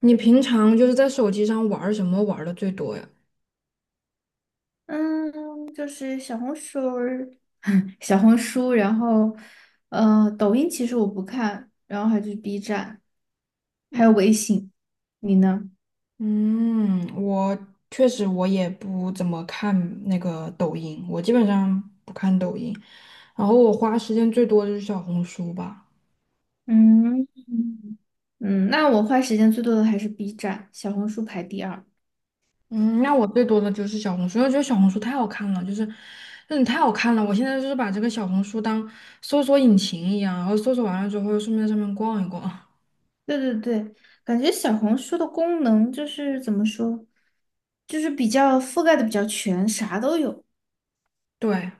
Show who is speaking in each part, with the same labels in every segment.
Speaker 1: 你平常就是在手机上玩儿什么玩的最多呀？
Speaker 2: 嗯，就是小红书儿，小红书，然后，抖音其实我不看，然后还有就是 B 站，还有
Speaker 1: 嗯
Speaker 2: 微信。你呢？
Speaker 1: 嗯，我确实我也不怎么看那个抖音，我基本上不看抖音，然后我花时间最多的就是小红书吧。
Speaker 2: 嗯嗯，那我花时间最多的还是 B 站，小红书排第二。
Speaker 1: 嗯，那我最多的就是小红书，因为我觉得小红书太好看了，就是真的太好看了。我现在就是把这个小红书当搜索引擎一样，然后搜索完了之后顺便在上面逛一逛。
Speaker 2: 对对对，感觉小红书的功能就是怎么说，就是比较覆盖的比较全，啥都有。
Speaker 1: 对，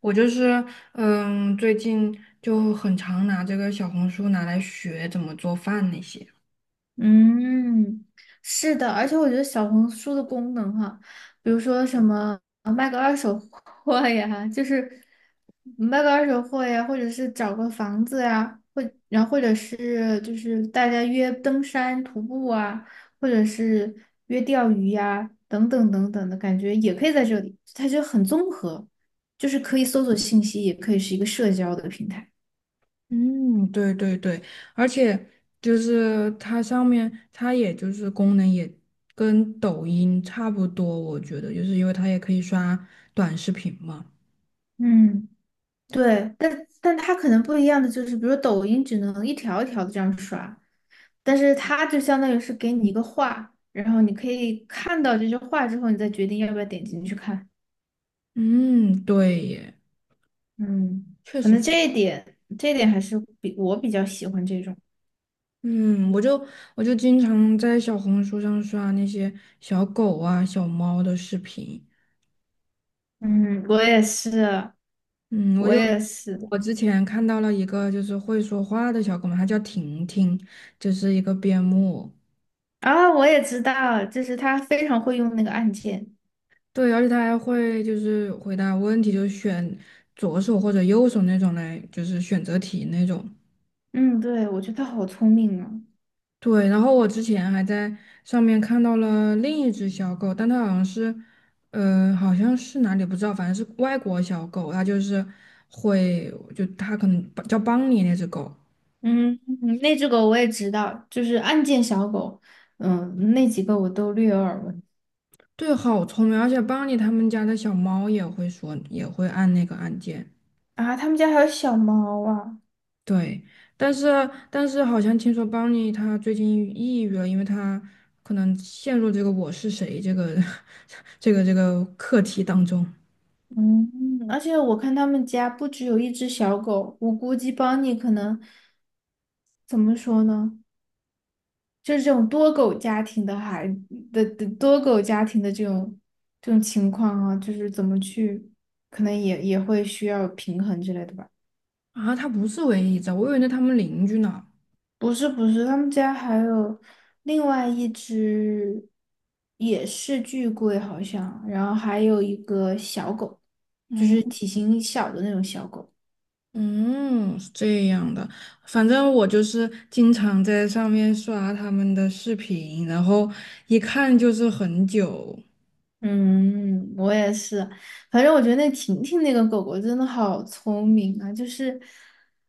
Speaker 1: 我就是，嗯，最近就很常拿这个小红书拿来学怎么做饭那些。
Speaker 2: 嗯，是的，而且我觉得小红书的功能哈，比如说什么卖个二手货呀，就是卖个二手货呀，或者是找个房子呀，然后或者是就是大家约登山徒步啊，或者是约钓鱼呀，等等等等的感觉也可以在这里，它就很综合，就是可以搜索信息，也可以是一个社交的平台。
Speaker 1: 嗯，对对对，而且就是它上面，它也就是功能也跟抖音差不多，我觉得就是因为它也可以刷短视频嘛。
Speaker 2: 嗯。对，但它可能不一样的就是，比如抖音只能一条一条的这样刷，但是它就相当于是给你一个话，然后你可以看到这句话之后，你再决定要不要点进去看。
Speaker 1: 嗯，对耶，
Speaker 2: 嗯，
Speaker 1: 确
Speaker 2: 可能
Speaker 1: 实，
Speaker 2: 这一点还是比我比较喜欢这种。
Speaker 1: 嗯，我就我就经常在小红书上刷那些小狗啊、小猫的视频，
Speaker 2: 嗯，我也是，
Speaker 1: 嗯，我
Speaker 2: 我
Speaker 1: 就
Speaker 2: 也是
Speaker 1: 我之前看到了一个就是会说话的小狗嘛，它叫婷婷，就是一个边牧。
Speaker 2: 啊，我也知道，就是他非常会用那个按键。
Speaker 1: 对，而且它还会就是回答问题，就是选左手或者右手那种来，就是选择题那种。
Speaker 2: 嗯，对，我觉得他好聪明啊。
Speaker 1: 对，然后我之前还在上面看到了另一只小狗，但它好像是，好像是哪里不知道，反正是外国小狗，它就是会，就它可能叫邦尼那只狗。
Speaker 2: 嗯，嗯那只狗我也知道，就是案件小狗，嗯，那几个我都略有耳闻
Speaker 1: 对，好聪明，而且邦尼他们家的小猫也会说，也会按那个按键。
Speaker 2: 啊。他们家还有小猫啊，
Speaker 1: 对，但是但是好像听说邦尼他最近抑郁了，因为他可能陷入这个"我是谁"这个 这个课题当中
Speaker 2: 嗯，而且我看他们家不只有一只小狗，我估计邦尼可能怎么说呢，就是这种多狗家庭的这种情况啊，就是怎么去，可能也会需要平衡之类的吧。
Speaker 1: 啊。他不是唯一一只，我以为是他们邻居呢。
Speaker 2: 不是不是，他们家还有另外一只，也是巨贵好像，然后还有一个小狗，就
Speaker 1: 嗯
Speaker 2: 是体型小的那种小狗。
Speaker 1: 嗯，是这样的。反正我就是经常在上面刷他们的视频，然后一看就是很久。
Speaker 2: 嗯，我也是，反正我觉得那婷婷那个狗狗真的好聪明啊，就是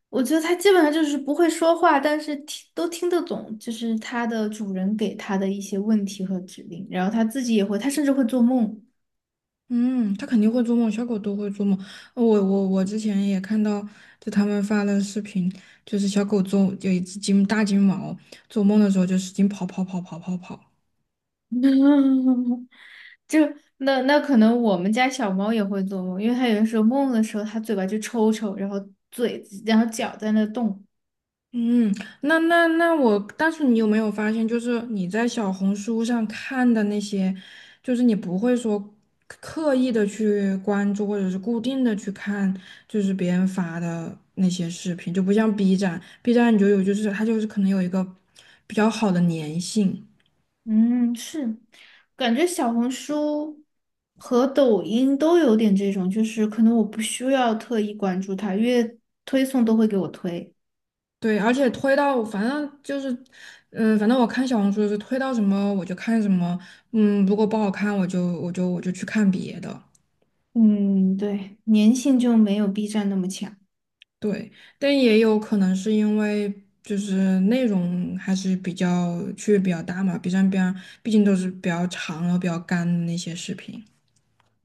Speaker 2: 我觉得它基本上就是不会说话，但是听都听得懂，就是它的主人给它的一些问题和指令，然后它自己也会，它甚至会做梦。
Speaker 1: 嗯，它肯定会做梦，小狗都会做梦。我之前也看到，就他们发的视频，就是小狗做有一只金大金毛，做梦的时候就使劲跑跑跑跑跑跑。
Speaker 2: 就那可能我们家小猫也会做梦，因为它有的时候梦的时候，它嘴巴就抽抽，然后嘴然后脚在那动。
Speaker 1: 嗯，那那那我，但是你有没有发现，就是你在小红书上看的那些，就是你不会说刻意的去关注，或者是固定的去看，就是别人发的那些视频，就不像 B 站，B 站你就有就是它就是可能有一个比较好的粘性。
Speaker 2: 嗯，是，感觉小红书和抖音都有点这种，就是可能我不需要特意关注它，因为推送都会给我推。
Speaker 1: 对，而且推到反正就是，反正我看小红书是推到什么我就看什么，嗯，如果不好看我就去看别的。
Speaker 2: 嗯，对，粘性就没有 B 站那么强。
Speaker 1: 对，但也有可能是因为就是内容还是比较区别比较大嘛，B 站边毕竟都是比较长然后比较干的那些视频。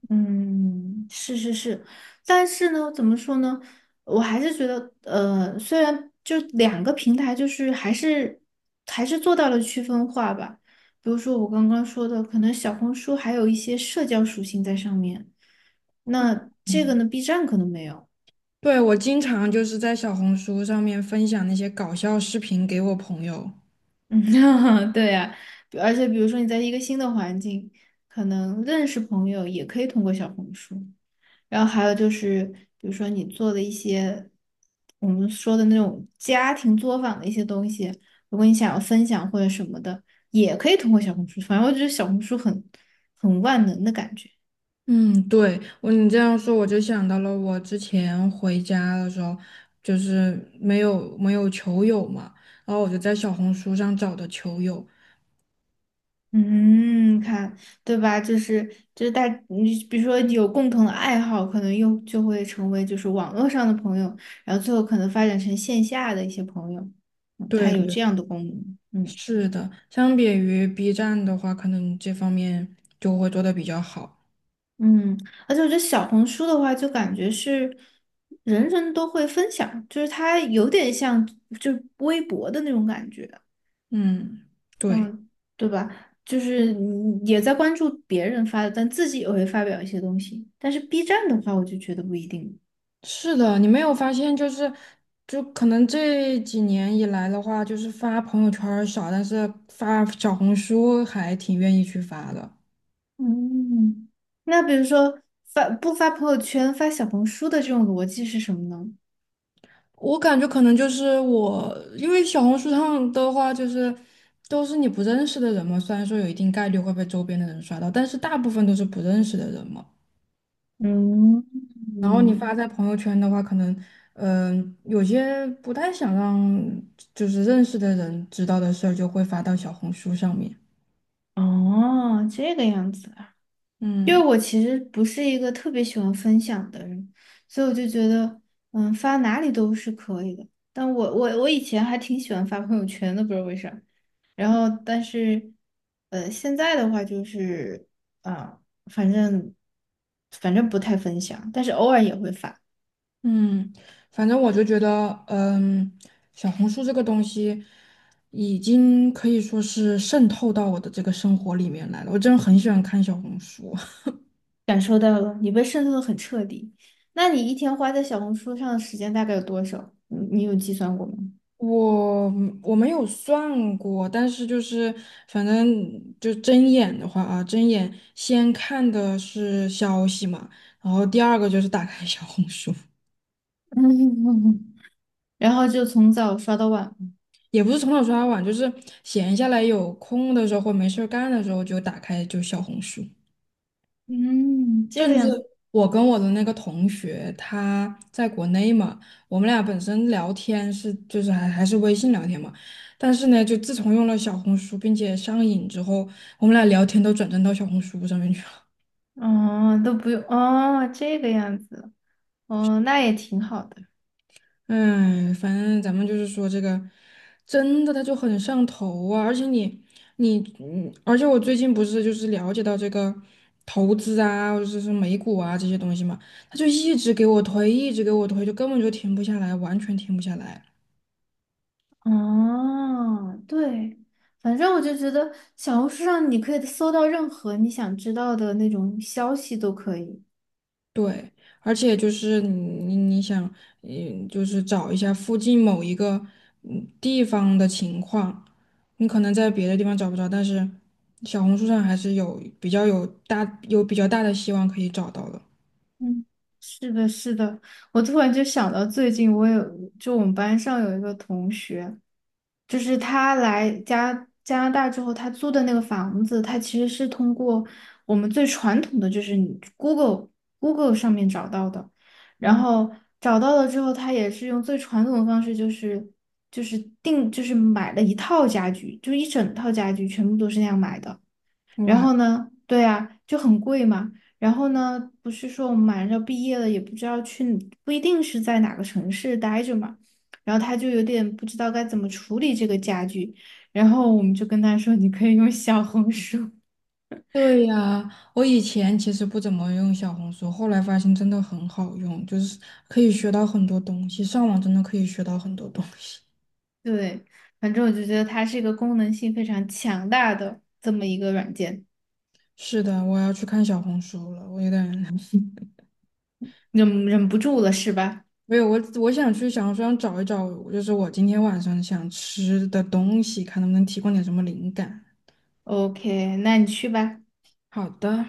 Speaker 2: 嗯，是是是，但是呢，怎么说呢？我还是觉得，虽然就两个平台，就是还是做到了区分化吧。比如说我刚刚说的，可能小红书还有一些社交属性在上面，那这个
Speaker 1: 嗯，
Speaker 2: 呢，B 站可能没有。
Speaker 1: 对，我经常就是在小红书上面分享那些搞笑视频给我朋友。
Speaker 2: 嗯，对呀，而且比如说你在一个新的环境，可能认识朋友也可以通过小红书。然后还有就是，比如说你做的一些我们说的那种家庭作坊的一些东西，如果你想要分享或者什么的，也可以通过小红书。反正我觉得小红书很很万能的感觉。
Speaker 1: 嗯，对，我你这样说，我就想到了我之前回家的时候，就是没有球友嘛，然后我就在小红书上找的球友。
Speaker 2: 嗯，看，对吧？就是，你比如说有共同的爱好，可能又就会成为就是网络上的朋友，然后最后可能发展成线下的一些朋友。嗯，它
Speaker 1: 对
Speaker 2: 有
Speaker 1: 对，
Speaker 2: 这样的功能。嗯。
Speaker 1: 是的，相比于 B 站的话，可能这方面就会做的比较好。
Speaker 2: 嗯，而且我觉得小红书的话，就感觉是人人都会分享，就是它有点像就微博的那种感觉，
Speaker 1: 嗯，对，
Speaker 2: 嗯，对吧？就是你也在关注别人发的，但自己也会发表一些东西。但是 B 站的话，我就觉得不一定。
Speaker 1: 是的，你没有发现就是，就可能这几年以来的话，就是发朋友圈儿少，但是发小红书还挺愿意去发的。
Speaker 2: 嗯，那比如说发不发朋友圈，发小红书的这种逻辑是什么呢？
Speaker 1: 我感觉可能就是我，因为小红书上的话，就是都是你不认识的人嘛。虽然说有一定概率会被周边的人刷到，但是大部分都是不认识的人嘛。
Speaker 2: 嗯，
Speaker 1: 然后你发
Speaker 2: 嗯
Speaker 1: 在朋友圈的话，可能有些不太想让就是认识的人知道的事儿，就会发到小红书上面。
Speaker 2: 哦，这个样子。因为
Speaker 1: 嗯。
Speaker 2: 我其实不是一个特别喜欢分享的人，所以我就觉得，嗯，发哪里都是可以的。但我以前还挺喜欢发朋友圈的，不知道为啥。然后，但是，现在的话就是，啊、反正反正不太分享，但是偶尔也会发。
Speaker 1: 嗯，反正我就觉得，小红书这个东西已经可以说是渗透到我的这个生活里面来了。我真的很喜欢看小红书，
Speaker 2: 感受到了，你被渗透的很彻底。那你一天花在小红书上的时间大概有多少？你有计算过吗？
Speaker 1: 我我没有算过，但是就是反正就睁眼的话啊，睁眼先看的是消息嘛，然后第二个就是打开小红书，
Speaker 2: 然后就从早刷到晚。
Speaker 1: 也不是从早刷到晚，就是闲下来有空的时候或没事儿干的时候就打开就小红书。
Speaker 2: 嗯，这个
Speaker 1: 甚至
Speaker 2: 样子，
Speaker 1: 我跟我的那个同学，他在国内嘛，我们俩本身聊天是就是还是微信聊天嘛，但是呢，就自从用了小红书并且上瘾之后，我们俩聊天都转战到小红书上面去了。
Speaker 2: 哦，都不用，哦，这个样子，哦，那也挺好的，
Speaker 1: 哎，反正咱们就是说这个，真的他就很上头啊！而且你你嗯，而且我最近不是就是了解到这个投资啊，或者是美股啊这些东西嘛，他就一直给我推，一直给我推，就根本就停不下来，完全停不下来。
Speaker 2: 哦，对，反正我就觉得小红书上你可以搜到任何你想知道的那种消息都可以。
Speaker 1: 对，而且就是你想，就是找一下附近某一个地方的情况，你可能在别的地方找不着，但是小红书上还是有比较有大有比较大的希望可以找到的。
Speaker 2: 嗯，是的，是的，我突然就想到最近我有，就我们班上有一个同学，就是他来加拿大之后，他租的那个房子，他其实是通过我们最传统的，就是你 Google 上面找到的，然后找到了之后，他也是用最传统的方式，就是就是买了一套家具，就一整套家具全部都是那样买的。然
Speaker 1: 哇，
Speaker 2: 后呢，对啊，就很贵嘛。然后呢，不是说我们马上要毕业了，也不知道去，不一定是在哪个城市待着嘛。然后他就有点不知道该怎么处理这个家具，然后我们就跟他说，你可以用小红书。
Speaker 1: 对呀，我以前其实不怎么用小红书，后来发现真的很好用，就是可以学到很多东西，上网真的可以学到很多东西。
Speaker 2: 对，反正我就觉得它是一个功能性非常强大的这么一个软件，
Speaker 1: 是的，我要去看小红书了，我有点
Speaker 2: 忍不住了是吧
Speaker 1: 没有，我想去小红书上找一找，就是我今天晚上想吃的东西，看能不能提供点什么灵感。
Speaker 2: ？OK,那你去吧。
Speaker 1: 好的。